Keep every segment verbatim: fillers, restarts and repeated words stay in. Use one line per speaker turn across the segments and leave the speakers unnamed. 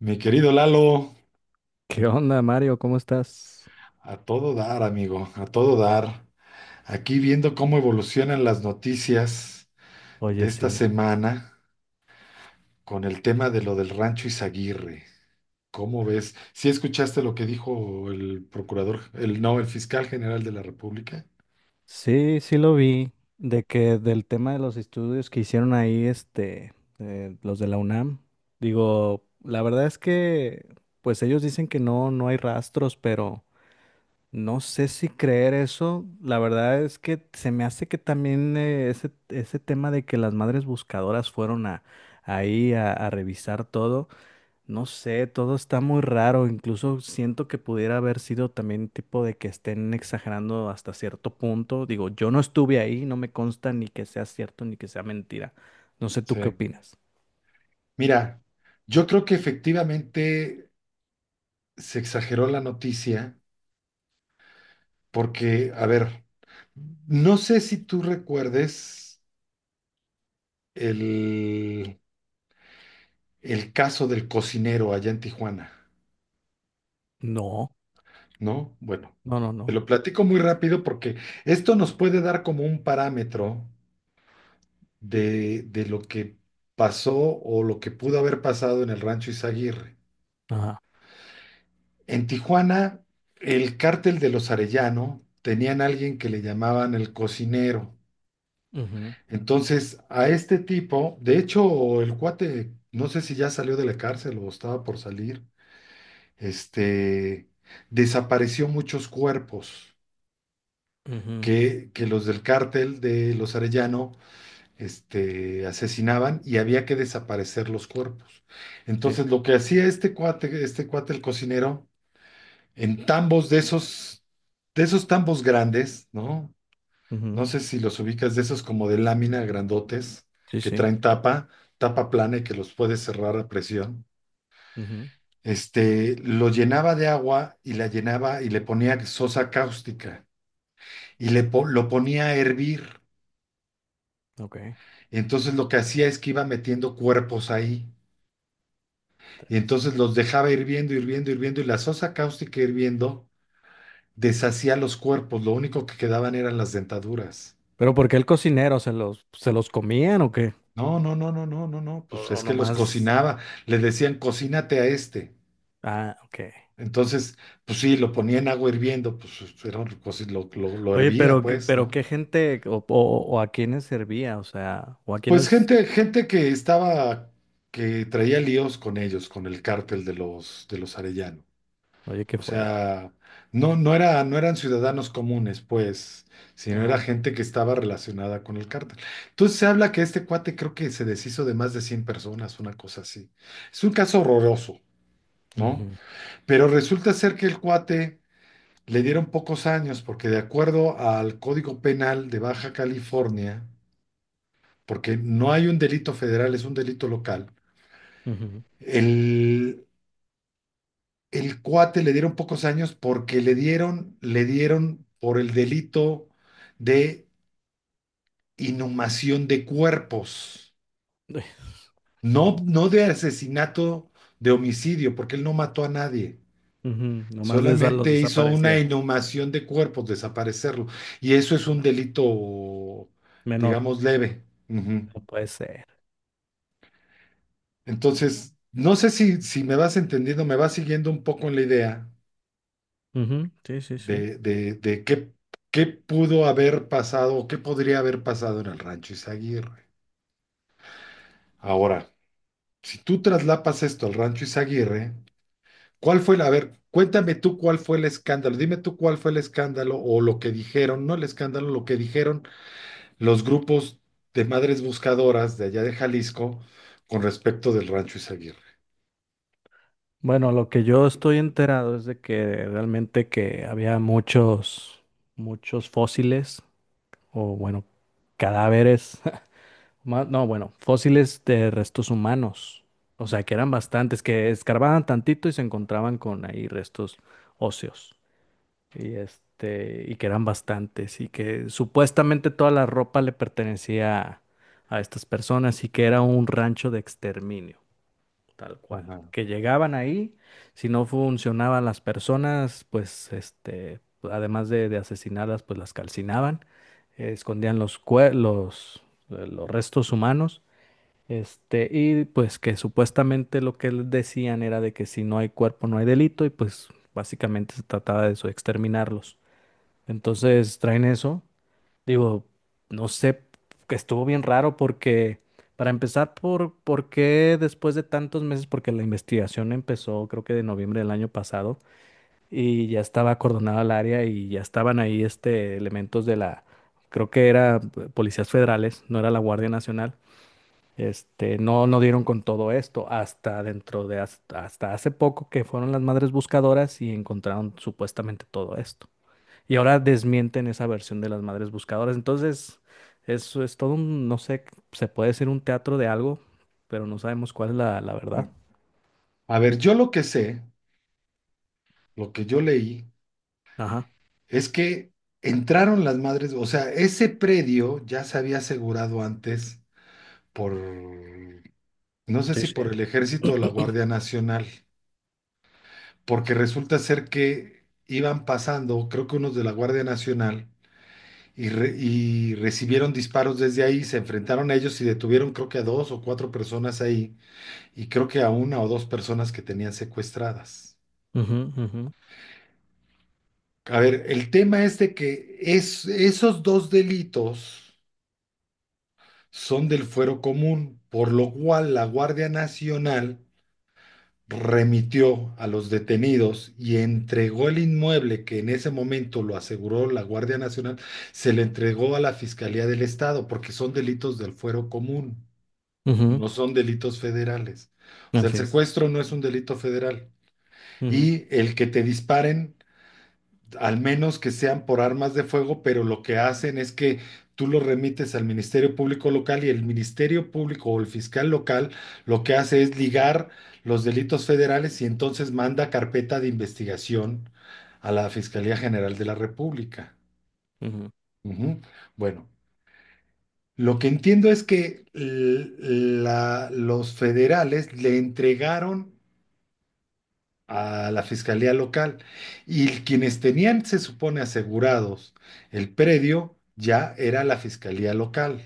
Mi querido Lalo,
¿Qué onda, Mario? ¿Cómo estás?
a todo dar, amigo, a todo dar. Aquí viendo cómo evolucionan las noticias
Oye,
de esta
sí.
semana con el tema de lo del rancho Izaguirre. ¿Cómo ves? ¿Sí escuchaste lo que dijo el procurador, el no, el fiscal general de la República?
Sí, sí lo vi, de que del tema de los estudios que hicieron ahí, este, eh, los de la UNAM. Digo, la verdad es que, pues ellos dicen que no, no hay rastros, pero no sé si creer eso. La verdad es que se me hace que también eh, ese, ese tema de que las madres buscadoras fueron a, ahí a, a revisar todo. No sé, todo está muy raro. Incluso siento que pudiera haber sido también tipo de que estén exagerando hasta cierto punto. Digo, yo no estuve ahí, no me consta ni que sea cierto ni que sea mentira. No sé tú qué
Sí.
opinas.
Mira, yo creo que efectivamente se exageró la noticia porque, a ver, no sé si tú recuerdes el el caso del cocinero allá en Tijuana,
No,
¿no? Bueno,
no, no,
te
no.
lo platico muy rápido porque esto nos puede dar como un parámetro de, de lo que pasó o lo que pudo haber pasado en el rancho Izaguirre.
Ajá.
En Tijuana, el cártel de los Arellano tenían a alguien que le llamaban el cocinero.
Ujú,
Entonces, a este tipo, de hecho, el cuate, no sé si ya salió de la cárcel o estaba por salir, este, desapareció muchos cuerpos.
ujú,
que, que los del cártel de los Arellano este, asesinaban y había que desaparecer los cuerpos.
sí.
Entonces, lo que hacía este cuate, este cuate el cocinero, en tambos de esos, de esos, tambos grandes, ¿no?
Ujú,
No sé si los ubicas, de esos como de lámina grandotes
sí,
que
sí.
traen tapa, tapa plana y que los puedes cerrar a presión.
Ujú,
Este, lo llenaba de agua y la llenaba y le ponía sosa cáustica y le po- lo ponía a hervir.
ok.
Entonces lo que hacía es que iba metiendo cuerpos ahí. Y
Tras.
entonces los dejaba hirviendo, hirviendo, hirviendo. Y la sosa cáustica hirviendo deshacía los cuerpos. Lo único que quedaban eran las dentaduras.
¿Pero por qué el cocinero se los, se los comían o qué?
No, no, no, no, no, no, no.
O,
Pues
o
es que los
nomás.
cocinaba. Le decían, cocínate a este.
Ah, ok.
Entonces, pues sí, lo ponía en agua hirviendo. Pues pues, era un coci- lo, lo, lo
Oye,
hervía,
pero, qué-
pues,
pero
¿no?
qué gente o, o- o a quiénes servía, o sea, o a
Pues
quiénes.
gente, gente que estaba, que traía líos con ellos, con el cártel de los, de los arellanos.
Oye, qué
O
fuerte.
sea, no, no era, no eran ciudadanos comunes, pues, sino era
Ajá.
gente que estaba relacionada con el cártel. Entonces se habla que este cuate creo que se deshizo de más de cien personas, una cosa así. Es un caso horroroso, ¿no?
Ujú,
Pero resulta ser que el cuate le dieron pocos años, porque de acuerdo al Código Penal de Baja California, porque no hay un delito federal, es un delito local,
ujú.
el, el cuate le dieron pocos años porque le dieron, le dieron por el delito de inhumación de cuerpos, no, no de asesinato, de homicidio, porque él no mató a nadie.
Ujú, nomás de esas los
Solamente hizo una
desaparecía.
inhumación de cuerpos, desaparecerlo. Y eso es un delito,
Menor.
digamos, leve. Ujú.
No puede ser.
Entonces, no sé si, si me vas entendiendo, me vas siguiendo un poco en la idea,
Ujú, sí, sí, sí.
de, de, de qué, qué pudo haber pasado o qué podría haber pasado en el rancho Izaguirre. Ahora, si tú traslapas esto al rancho Izaguirre, ¿cuál fue la, a ver, cuéntame tú cuál fue el escándalo, dime tú cuál fue el escándalo o lo que dijeron, no el escándalo, lo que dijeron los grupos de madres buscadoras de allá de Jalisco con respecto del rancho Izaguirre?
Bueno, lo que yo estoy enterado es de que realmente que había muchos, muchos fósiles o bueno, cadáveres. Ma- No, bueno, fósiles de restos humanos. O sea, que eran bastantes, que escarbaban tantito y se encontraban con ahí restos óseos. Y este, y que eran bastantes. Y que supuestamente toda la ropa le pertenecía a, a estas personas y que era un rancho de exterminio, tal cual.
Ajá,
Que llegaban ahí, si no funcionaban las personas, pues este, además de, de asesinarlas, pues las calcinaban, eh, escondían los, cue- los, eh, los restos humanos. Este, y pues que supuestamente lo que les decían era de que si no hay cuerpo no hay delito y pues básicamente se trataba de eso, exterminarlos. Entonces traen eso. Digo, no sé, que estuvo bien raro porque, para empezar, por, ¿por qué después de tantos meses? Porque la investigación empezó creo que de noviembre del año pasado y ya estaba acordonada el área y ya estaban ahí este, elementos de la, creo que era eh, policías federales, no era la Guardia Nacional. Este, no, no dieron con todo esto hasta dentro de hasta, hasta hace poco que fueron las madres buscadoras y encontraron supuestamente todo esto. Y ahora desmienten esa versión de las madres buscadoras. Entonces, eso es todo un, no sé, se puede decir un teatro de algo, pero no sabemos cuál es la, la
sí.
verdad.
A ver, yo lo que sé, lo que yo leí,
Ajá.
es que entraron las madres, o sea, ese predio ya se había asegurado antes por, no sé
Sí,
si por
sí.
el ejército o la Guardia Nacional, porque resulta ser que iban pasando, creo que unos de la Guardia Nacional, y, re- y recibieron disparos desde ahí, se enfrentaron a ellos y detuvieron creo que a dos o cuatro personas ahí, y creo que a una o dos personas que tenían secuestradas.
Ujú, ujú,
A ver, el tema es de que es, esos dos delitos son del fuero común, por lo cual la Guardia Nacional remitió a los detenidos y entregó el inmueble que en ese momento lo aseguró la Guardia Nacional, se le entregó a la Fiscalía del Estado, porque son delitos del fuero común, no son delitos federales. O
ujú,
sea, el
así es.
secuestro no es un delito federal.
Ujú,
Y el que te disparen al menos que sean por armas de fuego, pero lo que hacen es que tú lo remites al Ministerio Público local y el Ministerio Público o el fiscal local lo que hace es ligar los delitos federales y entonces manda carpeta de investigación a la Fiscalía General de la República.
ujú,
Ujú. Bueno, lo que entiendo es que l- la- los federales le entregaron a la fiscalía local. Y quienes tenían, se supone, asegurados el predio, ya era la fiscalía local,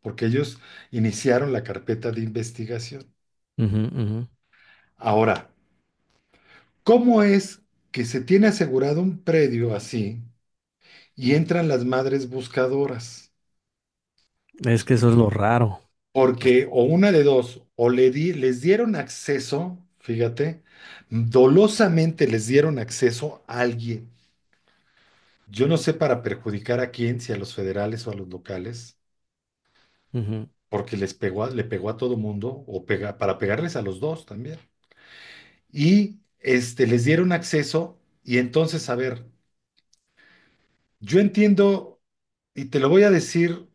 porque ellos iniciaron la carpeta de investigación.
ujú, ujú.
Ahora, ¿cómo es que se tiene asegurado un predio así y entran las madres buscadoras?
Es que eso es lo raro.
Porque o una de dos, o le di- les dieron acceso, fíjate, dolosamente les dieron acceso a alguien. Yo no sé para perjudicar a quién, si a los federales o a los locales,
Ujú.
porque les pegó a- le pegó a todo mundo, o pega- para pegarles a los dos también. Y este, les dieron acceso, y entonces, a ver, yo entiendo, y te lo voy a decir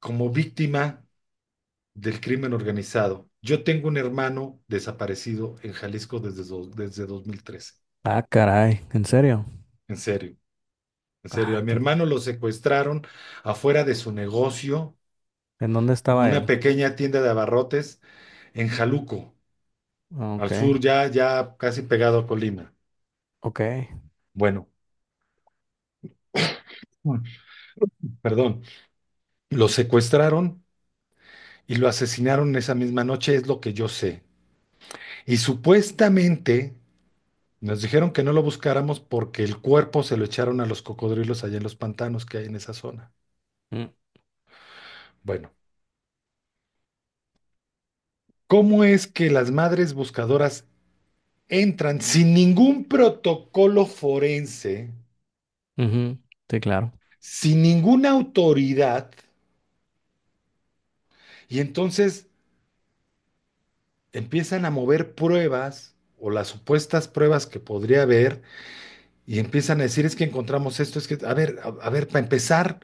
como víctima del crimen organizado. Yo tengo un hermano desaparecido en Jalisco desde, do- desde dos mil trece.
Ah, caray, ¿en serio?
En serio, en serio. A
Ay,
mi
qué...
hermano lo secuestraron afuera de su negocio,
¿En dónde estaba él?
una pequeña tienda de abarrotes en Jaluco, al
Ok.
sur, ya, ya casi pegado a Colima.
Ok.
Bueno, Mm. perdón, lo secuestraron y lo asesinaron esa misma noche, es lo que yo sé. Y supuestamente nos dijeron que no lo buscáramos porque el cuerpo se lo echaron a los cocodrilos allá en los pantanos que hay en esa zona.
Mm,
Bueno, ¿cómo es que las madres buscadoras entran sin ningún protocolo forense,
ujú, sí, claro.
sin ninguna autoridad, y entonces empiezan a mover pruebas o las supuestas pruebas que podría haber y empiezan a decir es que encontramos esto, es que, a ver, a, a ver, para empezar,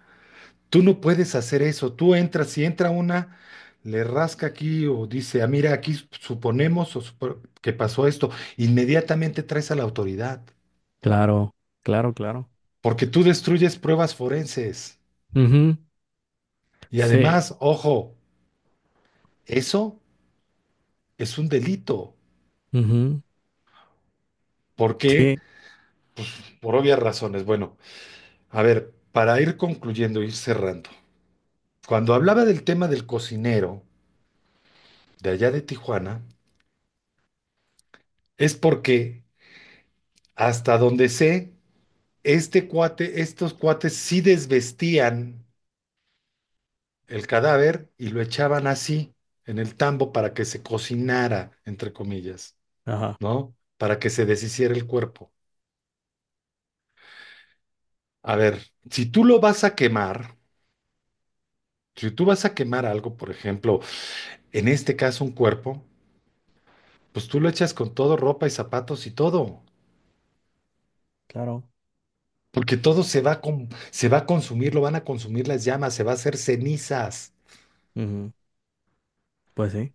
tú no puedes hacer eso? Tú entras, si entra una, le rasca aquí o dice, ah, mira, aquí suponemos o supo- que pasó esto, inmediatamente traes a la autoridad,
Claro, claro, claro.
porque tú destruyes pruebas forenses.
Ujú,
Y
sí.
además, ojo, eso es un delito.
Ujú,
¿Por qué?
sí.
Por obvias razones. Bueno, a ver, para ir concluyendo, ir cerrando. Cuando hablaba del tema del cocinero de allá de Tijuana, es porque hasta donde sé, este cuate, estos cuates sí desvestían el cadáver y lo echaban así en el tambo para que se cocinara, entre comillas,
Ajá.
¿no? Para que se deshiciera el cuerpo. A ver, si tú lo vas a quemar, si tú vas a quemar algo, por ejemplo, en este caso un cuerpo, pues tú lo echas con todo, ropa y zapatos y todo.
Claro.
Porque todo se va a, com- se va a consumir, lo van a consumir las llamas, se va a hacer cenizas.
Ujú, pues sí.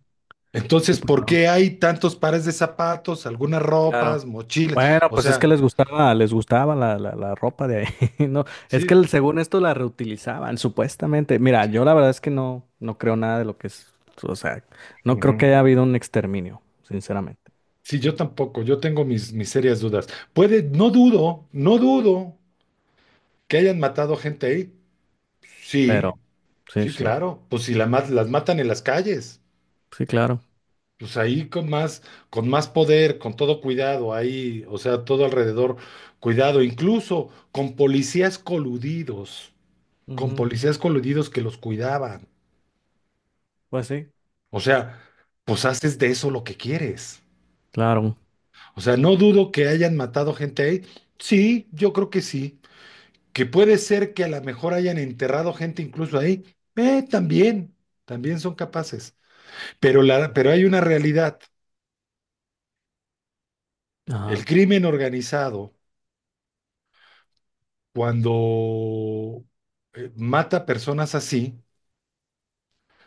Sí,
Entonces,
pues
¿por
no,
qué
sí,
hay tantos pares de zapatos, algunas
claro.
ropas, mochilas?
Bueno,
O
pues es que
sea,
les gustaba, les gustaba la, la, la ropa de ahí. No, es que
sí,
el- según esto la reutilizaban, supuestamente. Mira, yo la verdad es que no, no creo nada de lo que es. O sea, no creo que
ujú.
haya habido un exterminio, sinceramente.
Sí, yo tampoco, yo tengo mis, mis serias dudas. Puede, no dudo, no dudo que hayan matado gente ahí.
Pero,
Sí,
sí,
sí,
sí.
claro. Pues si la, ma- las matan en las calles.
Sí, claro.
Pues ahí con más, con más poder, con todo cuidado, ahí, o sea, todo alrededor, cuidado, incluso con policías coludidos, con
Ujú,
policías coludidos que los cuidaban.
pues sí.
O sea, pues haces de eso lo que quieres.
Claro.
O sea, no dudo que hayan matado gente ahí. Sí, yo creo que sí. Que puede ser que a lo mejor hayan enterrado gente incluso ahí. Eh, también, también son capaces. Pero la, pero hay una realidad. El
Ajá.
crimen organizado cuando eh, mata personas así,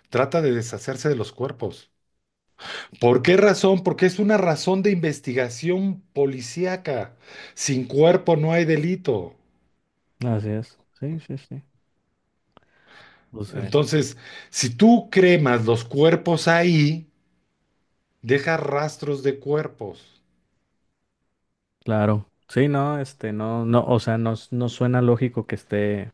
trata de deshacerse de los cuerpos. ¿Por qué razón? Porque es una razón de investigación policíaca. Sin cuerpo no hay delito.
Así es. Sí, sí, sí. Pues bueno,
Entonces, si tú cremas los cuerpos ahí, deja rastros de cuerpos.
claro. Sí, no, este, no, no, o sea, no, s- no suena lógico que esté,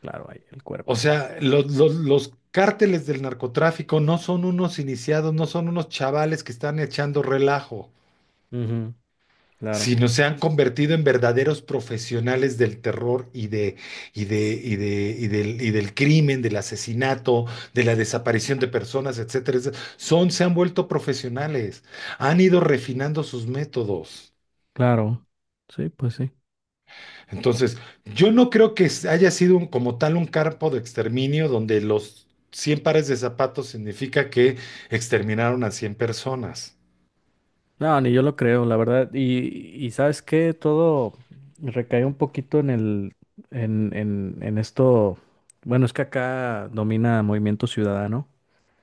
claro, ahí el
O
cuerpo.
sea, los, los- los cárteles del narcotráfico no son unos iniciados, no son unos chavales que están echando relajo,
Ujú, claro,
sino se han convertido en verdaderos profesionales del terror y de, y de, y de, y del, y del crimen, del asesinato, de la desaparición de personas, etcétera, etcétera. Son, se han vuelto profesionales, han ido refinando sus métodos.
claro. Sí, pues sí.
Entonces, yo no creo que haya sido un- como tal un campo de exterminio donde los cien pares de zapatos significa que exterminaron a cien personas.
No, ni yo lo creo, la verdad. Y, y ¿sabes qué? Todo recae un poquito en el, en, en, en esto. Bueno, es que acá domina Movimiento Ciudadano.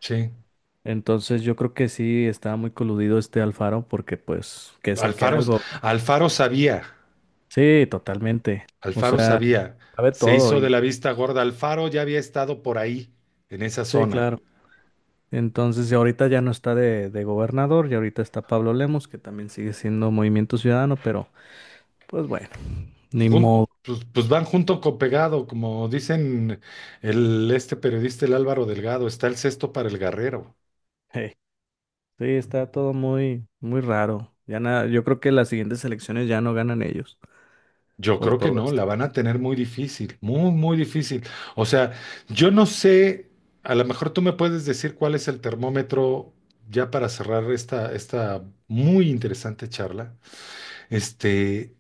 Sí.
Entonces yo creo que sí estaba muy coludido este Alfaro porque pues que sé que era
Alfaro,
algo.
Alfaro sabía.
Sí, totalmente. O
Alfaro
sea,
sabía,
sabe
se
todo,
hizo de
y
la vista gorda. Alfaro ya había estado por ahí, en esa
sí,
zona.
claro. Entonces, y ahorita ya no está de, de gobernador, y ahorita está Pablo Lemos, que también sigue siendo Movimiento Ciudadano, pero pues bueno, ni
Jun-
modo.
pues, pues van junto con pegado, como dicen el, este periodista, el Álvaro Delgado, está el cesto para el guerrero.
Hey, sí, está todo muy, muy raro. Ya nada, yo creo que las siguientes elecciones ya no ganan ellos
Yo
por
creo que
todo
no, la
esto.
van a tener muy difícil, muy, muy difícil. O sea, yo no sé, a lo mejor tú me puedes decir cuál es el termómetro ya para cerrar esta, esta muy interesante charla. Este,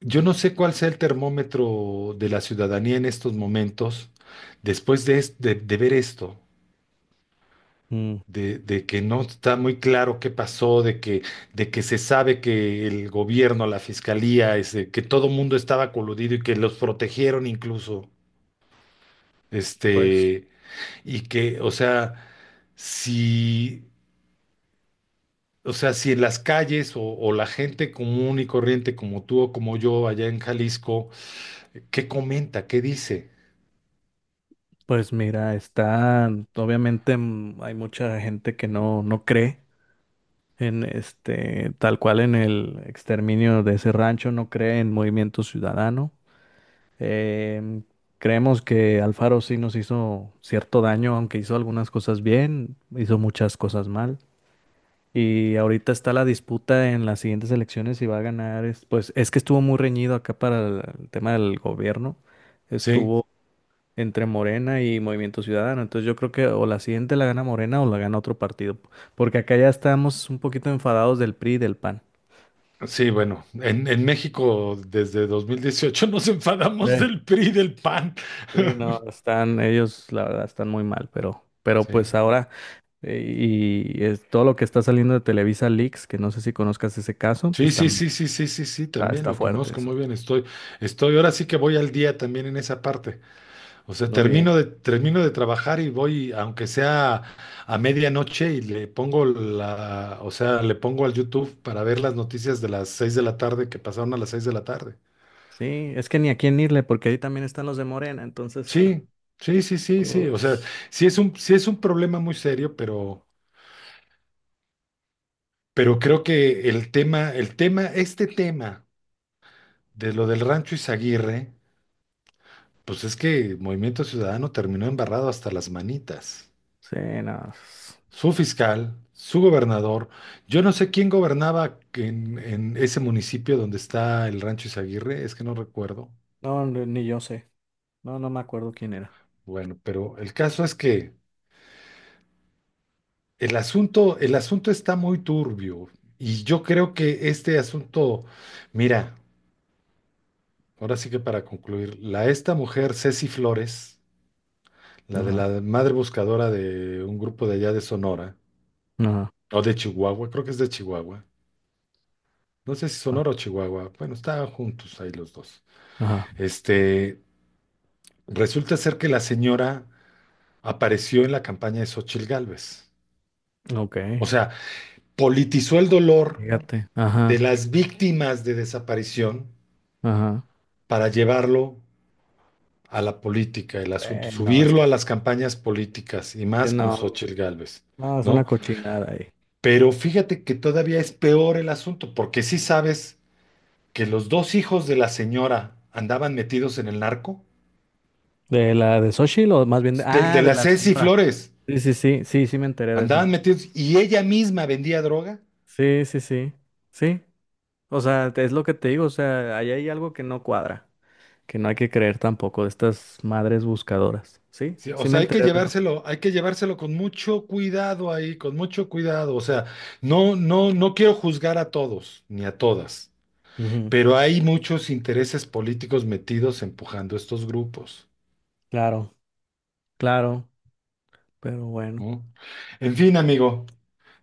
Yo no sé cuál sea el termómetro de la ciudadanía en estos momentos, después de, es- de- de ver esto,
Mm,
de, de que no está muy claro qué pasó, de que, de que se sabe que el gobierno, la fiscalía, este, que todo mundo estaba coludido y que los protegieron incluso,
pues,
este, y que, o sea, si, o sea, si en las calles o, o la gente común y corriente como tú o como yo allá en Jalisco, ¿qué comenta? ¿Qué dice?
pues mira, está, obviamente mm, hay mucha gente que no, no cree en este, tal cual en el exterminio de ese rancho, no cree en Movimiento Ciudadano. Eh, creemos que Alfaro sí nos hizo cierto daño, aunque hizo algunas cosas bien, hizo muchas cosas mal. Y ahorita está la disputa en las siguientes elecciones si va a ganar. es- Pues es que estuvo muy reñido acá para el, el tema del gobierno.
Sí.
Estuvo entre Morena y Movimiento Ciudadano. Entonces yo creo que o la siguiente la gana Morena o la gana otro partido. Porque acá ya estamos un poquito enfadados del P R I y del PAN.
Sí, bueno, en, en México desde dos mil dieciocho nos enfadamos del PRI y del PAN.
Sí, no, están, ellos la verdad están muy mal, pero, pero
Sí.
pues ahora, eh, y es todo lo que está saliendo de Televisa Leaks, que no sé si conozcas ese caso,
Sí,
pues
sí,
también
sí, sí, sí, sí, sí,
está,
también
está
lo
fuerte
conozco
eso.
muy bien. Estoy, estoy, ahora sí que voy al día también en esa parte. O sea,
Muy bien.
termino de, termino de trabajar y voy, aunque sea a medianoche, y le pongo la, o sea, le pongo al YouTube para ver las noticias de las seis de la tarde que pasaron a las seis de la tarde.
Sí, es que ni a quién irle, porque ahí también están los de Morena, entonces.
Sí, sí, sí, sí, sí.
Uy,
O sea, sí es un, sí es un problema muy serio, pero Pero creo que el tema, el tema, este tema de lo del Rancho Izaguirre, pues es que Movimiento Ciudadano terminó embarrado hasta las manitas.
sí, no, s-
Su fiscal, su gobernador, yo no sé quién gobernaba en, en ese municipio donde está el Rancho Izaguirre, es que no recuerdo.
no, ni ni yo sé. No, no me acuerdo quién era.
Bueno, pero el caso es que el asunto, el asunto está muy turbio y yo creo que este asunto, mira, ahora sí que para concluir, la esta mujer Ceci Flores, la de
Ajá,
la madre buscadora de un grupo de allá de Sonora,
ajá,
o de Chihuahua, creo que es de Chihuahua. No sé si
ah,
Sonora o Chihuahua. Bueno, estaban juntos ahí los dos.
ajá,
Este, resulta ser que la señora apareció en la campaña de Xóchitl Gálvez.
ok,
O sea, politizó el dolor
fíjate,
de
ajá,
las víctimas de desaparición
ajá.
para llevarlo a la política, el asunto,
Eh, no, es
subirlo
que,
a las campañas políticas y
que
más con
no,
Xóchitl Gálvez,
no, es una
¿no?
cochinada.
Pero fíjate que todavía es peor el asunto, porque sí sabes que los dos hijos de la señora andaban metidos en el narco,
¿De la de Xochitl o más bien de...
de, de
Ah, de
la
la
Ceci
señora.
Flores,
Sí, sí, sí, sí, sí me enteré de eso.
andaban metidos y ella misma vendía droga.
Sí, sí, sí, sí. O sea, es lo que te digo, o sea, ahí hay algo que no cuadra, que no hay que creer tampoco de estas madres buscadoras. Sí,
Sí, o
sí me
sea, hay que
enteré de eso.
llevárselo, hay que llevárselo con mucho cuidado ahí, con mucho cuidado. O sea, no, no, no quiero juzgar a todos ni a todas,
Ujú,
pero hay muchos intereses políticos metidos empujando estos grupos,
claro, claro, pero bueno,
¿no? En fin, amigo.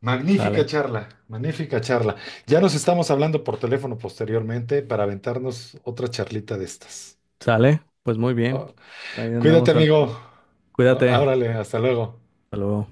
Magnífica
sale,
charla, magnífica charla. Ya nos estamos hablando por teléfono posteriormente para aventarnos otra charlita de estas.
sale, pues muy bien.
Oh,
Ahí
cuídate,
andamos al...
amigo.
pendiente.
Oh,
Cuídate.
órale, hasta luego.
Hasta luego.